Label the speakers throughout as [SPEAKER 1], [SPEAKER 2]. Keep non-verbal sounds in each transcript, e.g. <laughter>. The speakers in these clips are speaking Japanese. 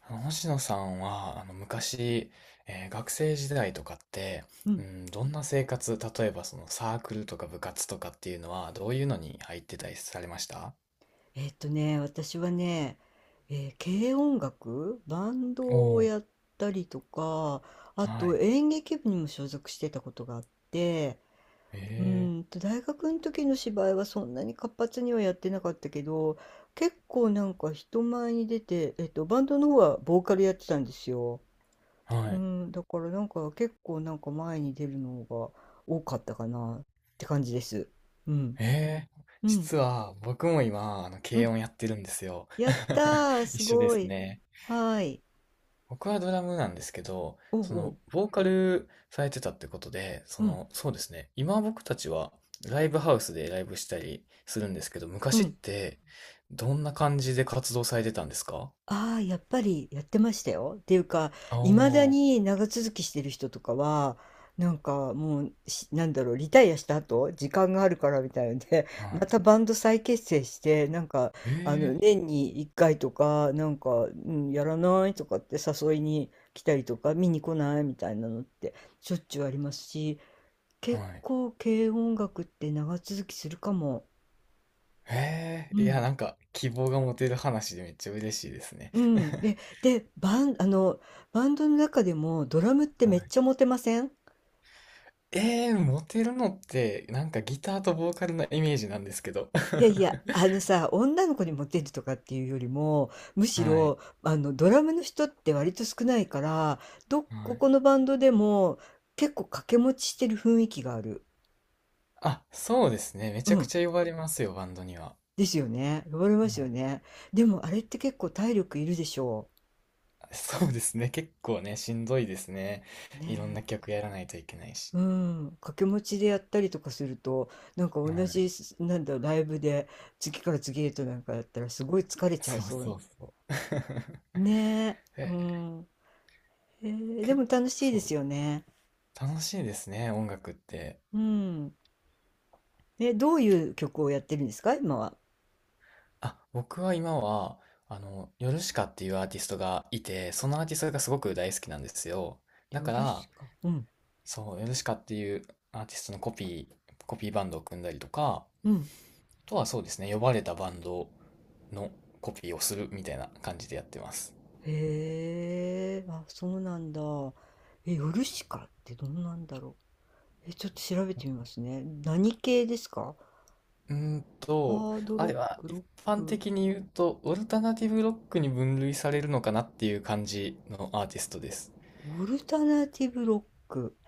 [SPEAKER 1] 星野さんは、昔、学生時代とかって、
[SPEAKER 2] う
[SPEAKER 1] う
[SPEAKER 2] ん。
[SPEAKER 1] ん、どんな生活、例えばそのサークルとか部活とかっていうのは、どういうのに入ってたりされました？
[SPEAKER 2] ね、私はね、軽音楽、バン
[SPEAKER 1] お
[SPEAKER 2] ドを
[SPEAKER 1] ー、
[SPEAKER 2] やったりとか、あ
[SPEAKER 1] は
[SPEAKER 2] と
[SPEAKER 1] い。
[SPEAKER 2] 演劇部にも所属してたことがあって、
[SPEAKER 1] え
[SPEAKER 2] 大学の時の芝居はそんなに活発にはやってなかったけど、結構なんか人前に出て、バンドの方はボーカルやってたんですよ。
[SPEAKER 1] ー、
[SPEAKER 2] う
[SPEAKER 1] はい。
[SPEAKER 2] ん、だからなんか結構なんか前に出るのが多かったかなって感じです。うん。
[SPEAKER 1] えー、
[SPEAKER 2] うん。
[SPEAKER 1] 実は僕も今、
[SPEAKER 2] う
[SPEAKER 1] 軽
[SPEAKER 2] ん、
[SPEAKER 1] 音やってるんですよ。
[SPEAKER 2] やったー、
[SPEAKER 1] <laughs> 一
[SPEAKER 2] す
[SPEAKER 1] 緒で
[SPEAKER 2] ご
[SPEAKER 1] す
[SPEAKER 2] い。
[SPEAKER 1] ね。
[SPEAKER 2] はい。
[SPEAKER 1] 僕はドラムなんですけど、
[SPEAKER 2] おうおう、
[SPEAKER 1] ボーカルされてたってことで、
[SPEAKER 2] うん、
[SPEAKER 1] そうですね。今僕たちはライブハウスでライブしたりするんですけど、
[SPEAKER 2] う
[SPEAKER 1] 昔っ
[SPEAKER 2] ん。
[SPEAKER 1] てどんな感じで活動されてたんですか？
[SPEAKER 2] ああ、やっぱりやってましたよ。っていうか、
[SPEAKER 1] ああ
[SPEAKER 2] いまだ
[SPEAKER 1] ー、
[SPEAKER 2] に長続きしてる人とかは、なんかもう、なんだろう、リタイアした後、時間があるからみたいので、
[SPEAKER 1] は
[SPEAKER 2] <laughs> ま
[SPEAKER 1] い。
[SPEAKER 2] たバンド再結成して、なんか、あ
[SPEAKER 1] え
[SPEAKER 2] の、
[SPEAKER 1] え、
[SPEAKER 2] 年に1回とか、なんか、うん、やらないとかって誘いに来たりとか、見に来ないみたいなのって、しょっちゅうありますし、
[SPEAKER 1] は
[SPEAKER 2] 結
[SPEAKER 1] い。
[SPEAKER 2] 構、軽音楽って長続きするかも。
[SPEAKER 1] え
[SPEAKER 2] う
[SPEAKER 1] え、いや、
[SPEAKER 2] ん。
[SPEAKER 1] 希望が持てる話でめっちゃ嬉しいですね。
[SPEAKER 2] うん。
[SPEAKER 1] <laughs>
[SPEAKER 2] で、バンドの中でもドラムって
[SPEAKER 1] は
[SPEAKER 2] めっ
[SPEAKER 1] い。
[SPEAKER 2] ちゃモテません？
[SPEAKER 1] <laughs> ええ、モテるのって、なんかギターとボーカルのイメージなんですけど。
[SPEAKER 2] いやいや、あの
[SPEAKER 1] <laughs>
[SPEAKER 2] さ、女の子にモテるとかっていうよりも、むし
[SPEAKER 1] はい。
[SPEAKER 2] ろ、あの、ドラムの人って割と少ないから、ど
[SPEAKER 1] は
[SPEAKER 2] こ
[SPEAKER 1] い。
[SPEAKER 2] このバンドでも結構掛け持ちしてる雰囲気がある。
[SPEAKER 1] あ、そうですね。め
[SPEAKER 2] う
[SPEAKER 1] ちゃく
[SPEAKER 2] ん。
[SPEAKER 1] ちゃ呼ばれますよ、バンドには。
[SPEAKER 2] ですよね。呼ばれます
[SPEAKER 1] は
[SPEAKER 2] よ
[SPEAKER 1] い。
[SPEAKER 2] ね。でもあれって結構体力いるでしょ
[SPEAKER 1] そうですね。結構ね、しんどいですね。
[SPEAKER 2] う。ね
[SPEAKER 1] いろんな
[SPEAKER 2] え。
[SPEAKER 1] 曲やらないといけないし。
[SPEAKER 2] うん、掛け持ちでやったりとかすると、なんか同
[SPEAKER 1] はい。
[SPEAKER 2] じす、なんだろう、ライブで次から次へとなんかやったらすごい疲れちゃい
[SPEAKER 1] そう
[SPEAKER 2] そ
[SPEAKER 1] そ
[SPEAKER 2] う。
[SPEAKER 1] うそう。<laughs>
[SPEAKER 2] ねえ、う
[SPEAKER 1] え、
[SPEAKER 2] ん。へえ、で
[SPEAKER 1] 結
[SPEAKER 2] も
[SPEAKER 1] 構、
[SPEAKER 2] 楽しいですよね。
[SPEAKER 1] 楽しいですね、音楽って。
[SPEAKER 2] うん。え、どういう曲をやってるんですか、今は？
[SPEAKER 1] あ、僕は今は、ヨルシカっていうアーティストがいて、そのアーティストがすごく大好きなんですよ。だ
[SPEAKER 2] ヨ
[SPEAKER 1] か
[SPEAKER 2] ル
[SPEAKER 1] ら、
[SPEAKER 2] シカ。うん、
[SPEAKER 1] そう、ヨルシカっていうアーティストのコピーバンドを組んだりとか、
[SPEAKER 2] うん。
[SPEAKER 1] とはそうですね、呼ばれたバンドのコピーをするみたいな感じでやってます。
[SPEAKER 2] へえ、あ、そうなんだ。え、ヨルシカってどんなんだろう。え、ちょっと調べてみますね。何系ですか？
[SPEAKER 1] うーんと、
[SPEAKER 2] ハード
[SPEAKER 1] あれ
[SPEAKER 2] ロ
[SPEAKER 1] は
[SPEAKER 2] ック、ロ
[SPEAKER 1] 一
[SPEAKER 2] ッ
[SPEAKER 1] 般
[SPEAKER 2] ク。
[SPEAKER 1] 的に言うと、オルタナティブロックに分類されるのかなっていう感じのアーティストです。
[SPEAKER 2] オルタナティブロック。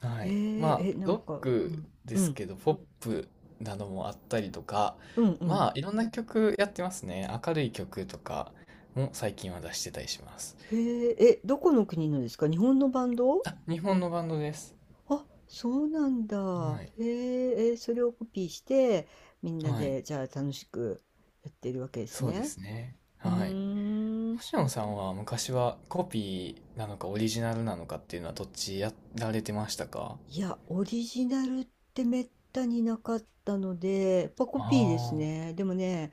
[SPEAKER 1] はい。
[SPEAKER 2] へえ、
[SPEAKER 1] まあ、
[SPEAKER 2] え、な
[SPEAKER 1] ロ
[SPEAKER 2] ん
[SPEAKER 1] ッ
[SPEAKER 2] か、う
[SPEAKER 1] ク
[SPEAKER 2] ん、
[SPEAKER 1] で
[SPEAKER 2] う
[SPEAKER 1] す
[SPEAKER 2] ん、
[SPEAKER 1] けど、ポップなどもあったりとか、
[SPEAKER 2] うん、うん。
[SPEAKER 1] まあ、いろんな曲やってますね。明るい曲とかも最近は出してたりします。
[SPEAKER 2] へえ、え、どこの国のですか？日本のバンド？
[SPEAKER 1] あ、日本のバンドです。
[SPEAKER 2] あ、そうなんだ。
[SPEAKER 1] はい。
[SPEAKER 2] へえ、え、それをコピーして、みんな
[SPEAKER 1] はい。
[SPEAKER 2] で、じゃあ楽しくやってるわけです
[SPEAKER 1] そうで
[SPEAKER 2] ね。
[SPEAKER 1] すね。
[SPEAKER 2] う
[SPEAKER 1] はい。
[SPEAKER 2] ーん。
[SPEAKER 1] 星野さんは昔はコピーなのかオリジナルなのかっていうのはどっちやられてましたか？
[SPEAKER 2] いや、オリジナルってめったになかったので、やっぱコピーです
[SPEAKER 1] ああ
[SPEAKER 2] ね。でもね、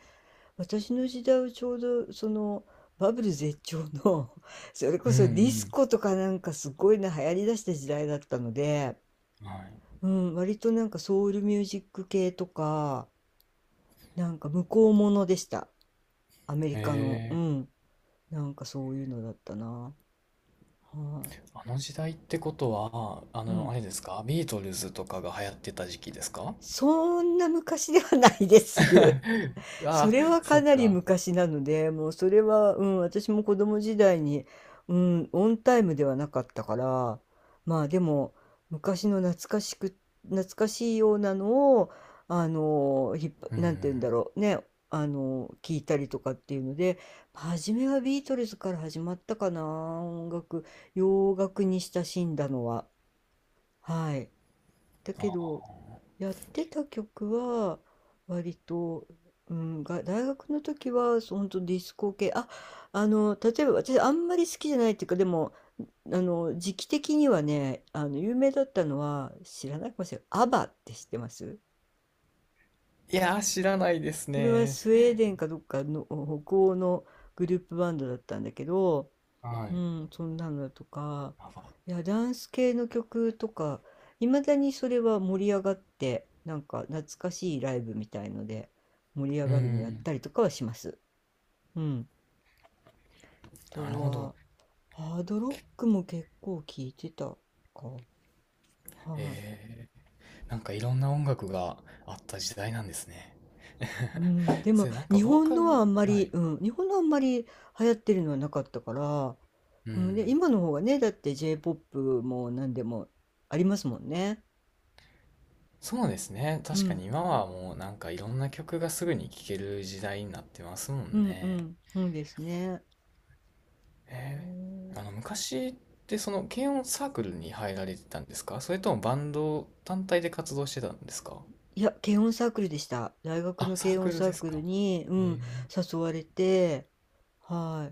[SPEAKER 2] 私の時代はちょうどそのバブル絶頂の <laughs> それ
[SPEAKER 1] ー、
[SPEAKER 2] こ
[SPEAKER 1] うん
[SPEAKER 2] そディス
[SPEAKER 1] う
[SPEAKER 2] コとかなんかすごいな流行りだした時代だったので、
[SPEAKER 1] ん。はい。
[SPEAKER 2] うん、割となんかソウルミュージック系とかなんか向こうものでした。アメリカの。う
[SPEAKER 1] ええ、
[SPEAKER 2] ん。なんかそういうのだったな。は
[SPEAKER 1] あの時代ってことは、
[SPEAKER 2] い、うん。
[SPEAKER 1] あれですか？ビートルズとかが流行ってた時期ですか？
[SPEAKER 2] そんな昔ではないです。
[SPEAKER 1] <laughs>
[SPEAKER 2] そ
[SPEAKER 1] ああ、
[SPEAKER 2] れは
[SPEAKER 1] そ
[SPEAKER 2] か
[SPEAKER 1] っ
[SPEAKER 2] なり
[SPEAKER 1] か。
[SPEAKER 2] 昔なので、もうそれは、うん、私も子供時代に、うん、オンタイムではなかったから、まあでも、昔の懐かしく、懐かしいようなのを、あの、ひっぱ、
[SPEAKER 1] う
[SPEAKER 2] なんて言
[SPEAKER 1] ん。
[SPEAKER 2] うんだろう、ね、あの、聞いたりとかっていうので、初めはビートルズから始まったかな、音楽、洋楽に親しんだのは。はい。だけ
[SPEAKER 1] あ、
[SPEAKER 2] どやってた曲は割と、うん、大学の時はそ当ほディスコ系あ、あの、例えば私あんまり好きじゃないっていうか、でもあの時期的にはね、あの有名だったのは知らないかもしれない、アバって知ってます？
[SPEAKER 1] いやー、知らないです
[SPEAKER 2] それは
[SPEAKER 1] ね。
[SPEAKER 2] スウェーデンかどっかの北欧のグループバンドだったんだけど、
[SPEAKER 1] は
[SPEAKER 2] う
[SPEAKER 1] い。
[SPEAKER 2] ん、そんなのとか、
[SPEAKER 1] あ、
[SPEAKER 2] いや、ダンス系の曲とか、いまだにそれは盛り上がって、なんか懐かしいライブみたいので盛り上
[SPEAKER 1] う
[SPEAKER 2] がるのやっ
[SPEAKER 1] ん。
[SPEAKER 2] たりとかはします。うん。あ
[SPEAKER 1] な
[SPEAKER 2] と
[SPEAKER 1] るほど。
[SPEAKER 2] は、ハードロックも結構聞いてたか。はい。
[SPEAKER 1] ええ、なんかいろんな音楽があった時代なんですね。
[SPEAKER 2] うん、で
[SPEAKER 1] <laughs> そ
[SPEAKER 2] も
[SPEAKER 1] れなんか
[SPEAKER 2] 日
[SPEAKER 1] ボー
[SPEAKER 2] 本
[SPEAKER 1] カ
[SPEAKER 2] のはあ
[SPEAKER 1] ル、
[SPEAKER 2] んま
[SPEAKER 1] は
[SPEAKER 2] り、
[SPEAKER 1] い。
[SPEAKER 2] うん、日本のあんまり流行ってるのはなかったから、
[SPEAKER 1] う
[SPEAKER 2] うん、で、
[SPEAKER 1] ん。
[SPEAKER 2] 今の方がね、だって J-POP も何でもありますもんね。
[SPEAKER 1] そうですね。
[SPEAKER 2] う
[SPEAKER 1] 確か
[SPEAKER 2] ん、
[SPEAKER 1] に今はもうなんかいろんな曲がすぐに聴ける時代になってますも
[SPEAKER 2] う
[SPEAKER 1] ん
[SPEAKER 2] ん、う
[SPEAKER 1] ね。
[SPEAKER 2] ん、そうですね。う
[SPEAKER 1] えー、
[SPEAKER 2] ん。
[SPEAKER 1] あの昔ってその軽音サークルに入られてたんですか？それともバンド単体で活動してたんですか？
[SPEAKER 2] いや、軽音サークルでした。大学
[SPEAKER 1] あ、
[SPEAKER 2] の
[SPEAKER 1] サー
[SPEAKER 2] 軽音
[SPEAKER 1] クル
[SPEAKER 2] サ
[SPEAKER 1] で
[SPEAKER 2] ー
[SPEAKER 1] す
[SPEAKER 2] クル
[SPEAKER 1] か。
[SPEAKER 2] に、う
[SPEAKER 1] え
[SPEAKER 2] ん、
[SPEAKER 1] ー。
[SPEAKER 2] 誘われて、は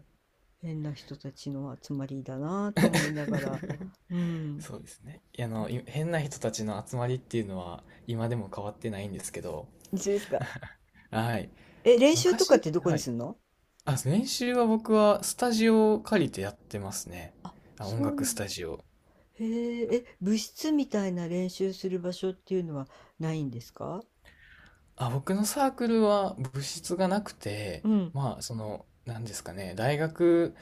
[SPEAKER 2] い、変な人たちの集まりだなと思いながら、
[SPEAKER 1] <laughs>
[SPEAKER 2] うん。
[SPEAKER 1] そうですね。変な人たちの集まりっていうのは今でも変わってないんですけど、
[SPEAKER 2] 一緒ですか。
[SPEAKER 1] <laughs> はい。
[SPEAKER 2] え、練習とかっ
[SPEAKER 1] 昔、
[SPEAKER 2] てどこ
[SPEAKER 1] は
[SPEAKER 2] にす
[SPEAKER 1] い。
[SPEAKER 2] るの？
[SPEAKER 1] あ、練習は僕はスタジオを借りてやってますね。あ、音
[SPEAKER 2] そう
[SPEAKER 1] 楽
[SPEAKER 2] な
[SPEAKER 1] ス
[SPEAKER 2] ん
[SPEAKER 1] タ
[SPEAKER 2] だ。
[SPEAKER 1] ジオ。
[SPEAKER 2] へえ、え、部室みたいな練習する場所っていうのはないんですか？
[SPEAKER 1] あ、僕のサークルは部室がなくて、
[SPEAKER 2] うん。
[SPEAKER 1] まあ、なんですかね、大学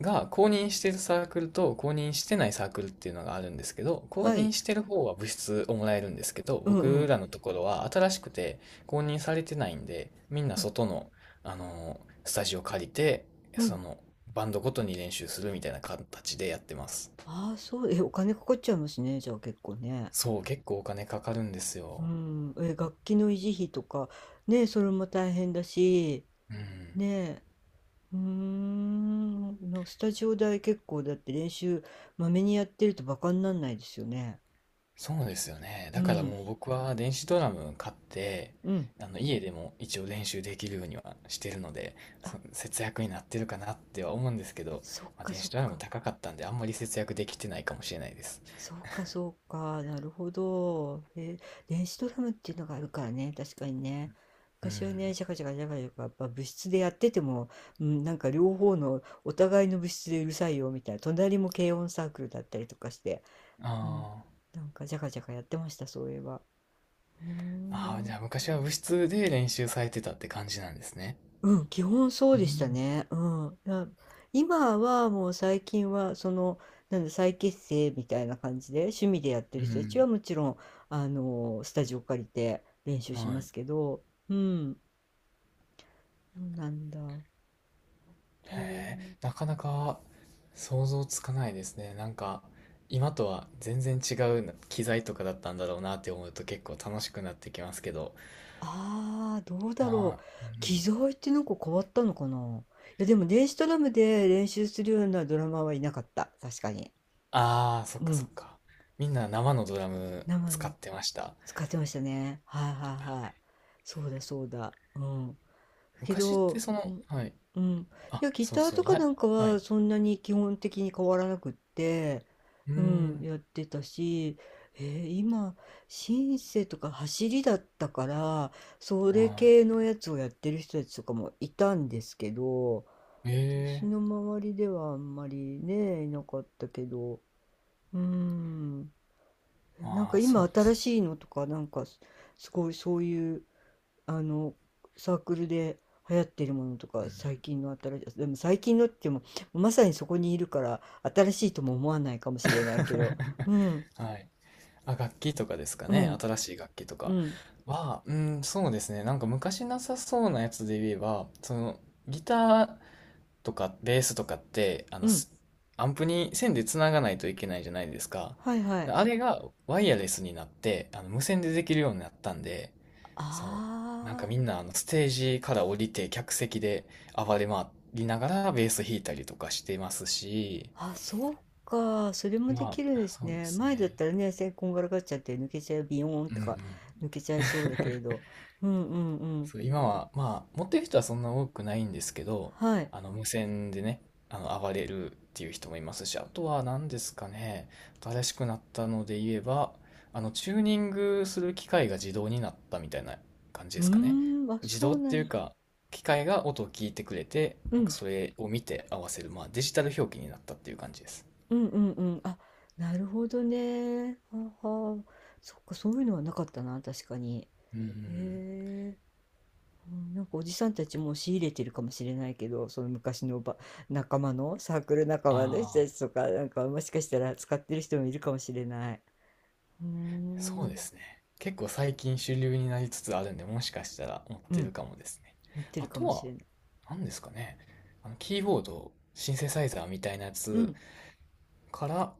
[SPEAKER 1] が公認してるサークルと公認してないサークルっていうのがあるんですけど、公
[SPEAKER 2] はい。
[SPEAKER 1] 認してる方は部室をもらえるんですけど、
[SPEAKER 2] うんう
[SPEAKER 1] 僕
[SPEAKER 2] ん。
[SPEAKER 1] らのところは新しくて公認されてないんで、みんな外の、あのースタジオ借りて、
[SPEAKER 2] う
[SPEAKER 1] そ
[SPEAKER 2] ん。
[SPEAKER 1] のバンドごとに練習するみたいな形でやってます。
[SPEAKER 2] ああ、そう。え、お金かかっちゃいますね。じゃあ結構ね。
[SPEAKER 1] そう、結構お金かかるんです
[SPEAKER 2] う
[SPEAKER 1] よ。
[SPEAKER 2] ん。え、楽器の維持費とか、ね、それも大変だし、
[SPEAKER 1] うん。
[SPEAKER 2] ねえ、うーん、なんかスタジオ代結構だって練習まめにやってるとバカになんないですよね。
[SPEAKER 1] そうですよね。
[SPEAKER 2] う
[SPEAKER 1] だから
[SPEAKER 2] ん、
[SPEAKER 1] もう僕は電子ドラム買って、
[SPEAKER 2] うん。
[SPEAKER 1] あの家でも一応練習できるようにはしてるので、
[SPEAKER 2] あ、
[SPEAKER 1] そ節約になってるかなっては思うんですけど、
[SPEAKER 2] そっ
[SPEAKER 1] まあ、
[SPEAKER 2] か
[SPEAKER 1] 電
[SPEAKER 2] そ
[SPEAKER 1] 子
[SPEAKER 2] っ
[SPEAKER 1] ドラム
[SPEAKER 2] か。
[SPEAKER 1] 高かったんであんまり節約できてないかもしれないです。
[SPEAKER 2] そうかそうか。なるほど。え、電子ドラムっていうのがあるからね。確かにね。
[SPEAKER 1] う
[SPEAKER 2] 昔は
[SPEAKER 1] ん。
[SPEAKER 2] ね、ジャカジャカジャカジャカ、やっぱ部室でやってても、うん、なんか両方のお互いの部室でうるさいよみたいな、隣も軽音サークルだったりとかして、
[SPEAKER 1] あ
[SPEAKER 2] うん、
[SPEAKER 1] ー、
[SPEAKER 2] なんかジャカジャカやってました、そういえば。うー
[SPEAKER 1] あー、じゃ
[SPEAKER 2] ん。
[SPEAKER 1] あ昔は部室で練習されてたって感じなんですね。
[SPEAKER 2] うん、基本そう
[SPEAKER 1] う
[SPEAKER 2] でした
[SPEAKER 1] ん。
[SPEAKER 2] ね。うん。な、今はもう最近はその、なんだ、再結成みたいな感じで趣味でやって
[SPEAKER 1] う
[SPEAKER 2] る人たちは
[SPEAKER 1] ん。
[SPEAKER 2] もちろん、あの、スタジオ借りて練習しま
[SPEAKER 1] はい。
[SPEAKER 2] すけど、うん。そうなんだ。どう、
[SPEAKER 1] へえ、なかなか想像つかないですね。なんか今とは全然違う機材とかだったんだろうなって思うと結構楽しくなってきますけど。
[SPEAKER 2] ああ、どうだ
[SPEAKER 1] ま
[SPEAKER 2] ろう。
[SPEAKER 1] あ、う
[SPEAKER 2] 機
[SPEAKER 1] ん。
[SPEAKER 2] 材ってなんか変わったのかな。いや、でも電子ドラムで練習するようなドラマーはいなかった。確かに。
[SPEAKER 1] ああ、そっ
[SPEAKER 2] う
[SPEAKER 1] かそ
[SPEAKER 2] ん。
[SPEAKER 1] っか。みんな生のドラム
[SPEAKER 2] 生
[SPEAKER 1] 使
[SPEAKER 2] の
[SPEAKER 1] ってました。
[SPEAKER 2] 使ってましたね。はいはいはい。
[SPEAKER 1] あ、
[SPEAKER 2] そうだそうだ。うん。け
[SPEAKER 1] 昔って
[SPEAKER 2] ど、
[SPEAKER 1] そ
[SPEAKER 2] う
[SPEAKER 1] の、
[SPEAKER 2] ん、
[SPEAKER 1] はい。
[SPEAKER 2] うん。い
[SPEAKER 1] あ、
[SPEAKER 2] や、ギ
[SPEAKER 1] そう
[SPEAKER 2] ター
[SPEAKER 1] そ
[SPEAKER 2] と
[SPEAKER 1] う、
[SPEAKER 2] か
[SPEAKER 1] ラ
[SPEAKER 2] な
[SPEAKER 1] イ、
[SPEAKER 2] んか
[SPEAKER 1] は
[SPEAKER 2] は
[SPEAKER 1] い。
[SPEAKER 2] そんなに基本的に変わらなくって、
[SPEAKER 1] うー
[SPEAKER 2] うん、
[SPEAKER 1] ん、
[SPEAKER 2] やってたし、今、シンセとか走りだったから、それ
[SPEAKER 1] は
[SPEAKER 2] 系のやつをやってる人たちとかもいたんですけど、
[SPEAKER 1] い。え
[SPEAKER 2] 私
[SPEAKER 1] え、
[SPEAKER 2] の周りではあんまりね、いなかったけど、うん、なん
[SPEAKER 1] ま
[SPEAKER 2] か
[SPEAKER 1] あ、そ
[SPEAKER 2] 今
[SPEAKER 1] うで
[SPEAKER 2] 新
[SPEAKER 1] す。
[SPEAKER 2] しいのとか、なんかすごいそういう、あのサークルで流行ってるものと
[SPEAKER 1] う
[SPEAKER 2] か最
[SPEAKER 1] ん。
[SPEAKER 2] 近の新しい、でも最近のって言ってもまさにそこにいるから新しいとも思わないかもしれないけど、うん、
[SPEAKER 1] はい。あ、楽器とかですか
[SPEAKER 2] う
[SPEAKER 1] ね。
[SPEAKER 2] ん、
[SPEAKER 1] 新しい楽器と
[SPEAKER 2] う
[SPEAKER 1] か
[SPEAKER 2] ん、
[SPEAKER 1] は、うん、そうですね。なんか昔なさそうなやつで言えば、ギターとかベースとかって、
[SPEAKER 2] うん、
[SPEAKER 1] アンプに線でつながないといけないじゃないですか。
[SPEAKER 2] はい、は
[SPEAKER 1] で
[SPEAKER 2] い、
[SPEAKER 1] あれがワイヤレスになって、無線でできるようになったんで、そう。なんか
[SPEAKER 2] あ
[SPEAKER 1] み
[SPEAKER 2] ー、
[SPEAKER 1] んなあのステージから降りて客席で暴れ回りながらベース弾いたりとかしてますし、
[SPEAKER 2] あ、そうかそれもで
[SPEAKER 1] ま
[SPEAKER 2] きるんで
[SPEAKER 1] あ、
[SPEAKER 2] す
[SPEAKER 1] そうで
[SPEAKER 2] ね、
[SPEAKER 1] す
[SPEAKER 2] 前だっ
[SPEAKER 1] ね。
[SPEAKER 2] たらね線こんがらがっちゃって抜けちゃうビヨーン
[SPEAKER 1] うん
[SPEAKER 2] と
[SPEAKER 1] う
[SPEAKER 2] か
[SPEAKER 1] ん。
[SPEAKER 2] 抜けちゃいそうだけれど、うん、うん、うん、
[SPEAKER 1] そう、今は、まあ、持ってる人はそんな多くないんですけど、
[SPEAKER 2] はい。
[SPEAKER 1] 無線でね、暴れるっていう人もいますし、あとは何ですかね、新しくなったので言えば、チューニングする機械が自動になったみたいな感じ
[SPEAKER 2] う
[SPEAKER 1] ですかね。
[SPEAKER 2] ーん、あ、
[SPEAKER 1] 自
[SPEAKER 2] そ
[SPEAKER 1] 動っ
[SPEAKER 2] うな
[SPEAKER 1] てい
[SPEAKER 2] ん
[SPEAKER 1] う
[SPEAKER 2] だ。
[SPEAKER 1] か、機械が音を聞いてくれて、
[SPEAKER 2] う
[SPEAKER 1] なんか
[SPEAKER 2] ん。
[SPEAKER 1] それを見て合わせる、まあ、デジタル表記になったっていう感じです。
[SPEAKER 2] うんうんうん。あ、なるほどね。はあはあ。そっか、そういうのはなかったな、確かに。
[SPEAKER 1] うんうんうん。
[SPEAKER 2] へえ。うん、なんかおじさんたちもう仕入れてるかもしれないけど、その昔の仲間の、サークル仲間の人
[SPEAKER 1] ああ、
[SPEAKER 2] たちとか、なんかもしかしたら使ってる人もいるかもしれない。うー
[SPEAKER 1] そうで
[SPEAKER 2] ん。
[SPEAKER 1] すね。結構最近主流になりつつあるんで、もしかしたら持っ
[SPEAKER 2] う
[SPEAKER 1] てる
[SPEAKER 2] ん、
[SPEAKER 1] かもですね。
[SPEAKER 2] 持って
[SPEAKER 1] あ
[SPEAKER 2] るか
[SPEAKER 1] と
[SPEAKER 2] もし
[SPEAKER 1] は、
[SPEAKER 2] れない。
[SPEAKER 1] なんですかね。キーボード、シンセサイザーみたいなや
[SPEAKER 2] う
[SPEAKER 1] つ
[SPEAKER 2] ん。
[SPEAKER 1] から、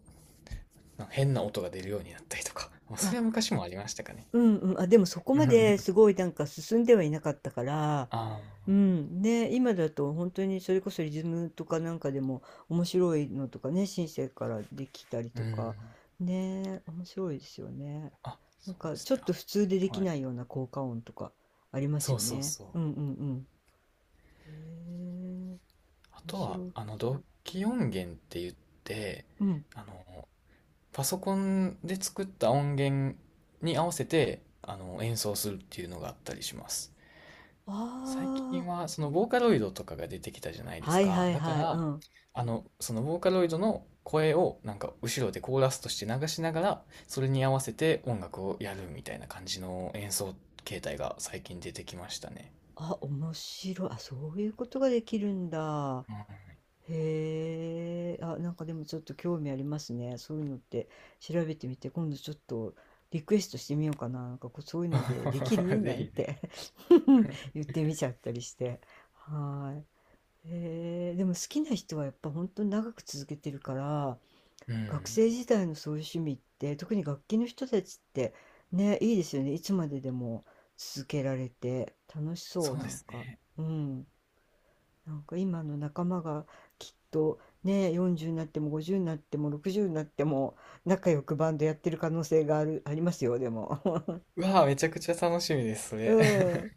[SPEAKER 1] なんか変な音が出るようになったりとか。まあそ
[SPEAKER 2] あ、
[SPEAKER 1] れは昔もありましたかね。
[SPEAKER 2] うんうん。あ、でもそこ
[SPEAKER 1] う
[SPEAKER 2] まで
[SPEAKER 1] ん。
[SPEAKER 2] すごいなんか進んではいなかったから、
[SPEAKER 1] あ
[SPEAKER 2] う
[SPEAKER 1] あ、
[SPEAKER 2] ん、ね、今だと本当にそれこそリズムとかなんかでも面白いのとかね、シンセからできたり
[SPEAKER 1] う
[SPEAKER 2] とか、
[SPEAKER 1] ん。
[SPEAKER 2] ね、面白いですよね。
[SPEAKER 1] あ、
[SPEAKER 2] な
[SPEAKER 1] そ
[SPEAKER 2] ん
[SPEAKER 1] うで
[SPEAKER 2] か
[SPEAKER 1] す
[SPEAKER 2] ちょっ
[SPEAKER 1] ね。
[SPEAKER 2] と普通でで
[SPEAKER 1] あ、
[SPEAKER 2] き
[SPEAKER 1] はい。
[SPEAKER 2] ないような効果音とかあります
[SPEAKER 1] そう
[SPEAKER 2] よ
[SPEAKER 1] そう
[SPEAKER 2] ね。
[SPEAKER 1] そう。
[SPEAKER 2] うんうんうん。へえ、
[SPEAKER 1] あ
[SPEAKER 2] 面
[SPEAKER 1] とは、
[SPEAKER 2] 白い。
[SPEAKER 1] 同期音源って言って、
[SPEAKER 2] うん。
[SPEAKER 1] あの、パソコンで作った音源に合わせて、演奏するっていうのがあったりします。最近
[SPEAKER 2] あ
[SPEAKER 1] はそのボーカロイドとかが出てきたじゃない
[SPEAKER 2] あ、
[SPEAKER 1] で
[SPEAKER 2] は
[SPEAKER 1] す
[SPEAKER 2] いは
[SPEAKER 1] か。
[SPEAKER 2] い
[SPEAKER 1] だか
[SPEAKER 2] はい。う
[SPEAKER 1] ら、
[SPEAKER 2] ん。
[SPEAKER 1] そのボーカロイドの声をなんか後ろでコーラスとして流しながら、それに合わせて音楽をやるみたいな感じの演奏形態が最近出てきましたね。
[SPEAKER 2] あ、面白い。あ、そういうことができるんだ。
[SPEAKER 1] うん。
[SPEAKER 2] へえ、あ、なんかでもちょっと興味ありますね。そういうのって調べてみて、今度ちょっとリクエストしてみようかな。なんかこうそういうのでできる
[SPEAKER 1] <laughs> ぜ
[SPEAKER 2] なん
[SPEAKER 1] ひぜ
[SPEAKER 2] て
[SPEAKER 1] ひ。
[SPEAKER 2] <laughs> 言ってみちゃったりして。はい。へえ、でも好きな人はやっぱ本当に長く続けてるから、
[SPEAKER 1] う
[SPEAKER 2] 学
[SPEAKER 1] ん。
[SPEAKER 2] 生時代のそういう趣味って、特に楽器の人たちってね、いいですよね。いつまででも続けられて楽しそう、
[SPEAKER 1] そう
[SPEAKER 2] な
[SPEAKER 1] で
[SPEAKER 2] ん
[SPEAKER 1] す
[SPEAKER 2] か。
[SPEAKER 1] ね。
[SPEAKER 2] うん。なんか今の仲間がきっとね、40になっても50になっても60になっても仲良くバンドやってる可能性がある、ありますよ、でも。
[SPEAKER 1] うわあ、めちゃくちゃ楽しみです、そ
[SPEAKER 2] <laughs> う
[SPEAKER 1] れ。
[SPEAKER 2] ん。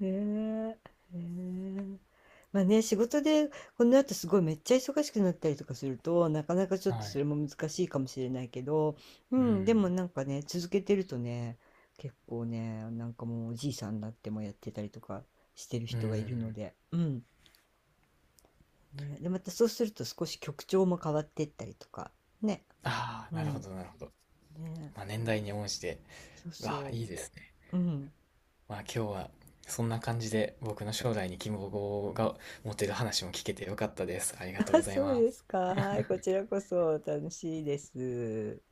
[SPEAKER 2] ねえ。ねえ。まあね、仕事でこの後すごいめっちゃ忙しくなったりとかすると、なかなかち
[SPEAKER 1] <laughs>
[SPEAKER 2] ょっと
[SPEAKER 1] は
[SPEAKER 2] そ
[SPEAKER 1] い。
[SPEAKER 2] れも難しいかもしれないけど、う
[SPEAKER 1] う
[SPEAKER 2] ん、でも
[SPEAKER 1] ん。
[SPEAKER 2] なんかね、続けてるとね、結構ね、なんかもうおじいさんになってもやってたりとかしてる
[SPEAKER 1] う
[SPEAKER 2] 人がいるの
[SPEAKER 1] ん。
[SPEAKER 2] で、うん。ね、で、またそうすると少し曲調も変わっていったりとか。ね。
[SPEAKER 1] あ
[SPEAKER 2] う
[SPEAKER 1] あ、なるほ
[SPEAKER 2] ん。
[SPEAKER 1] ど、なるほど。
[SPEAKER 2] ね。
[SPEAKER 1] まあ、年代に応じて。
[SPEAKER 2] そう
[SPEAKER 1] うわあ、
[SPEAKER 2] そ
[SPEAKER 1] いいですね。
[SPEAKER 2] う。うん。
[SPEAKER 1] まあ今日はそんな感じで僕の将来に希望が持てる話も聞けてよかったです。ありが
[SPEAKER 2] <laughs>
[SPEAKER 1] とう
[SPEAKER 2] あ、
[SPEAKER 1] ござい
[SPEAKER 2] そう
[SPEAKER 1] ま
[SPEAKER 2] です
[SPEAKER 1] す。
[SPEAKER 2] か。はい。こちらこそ楽しいです。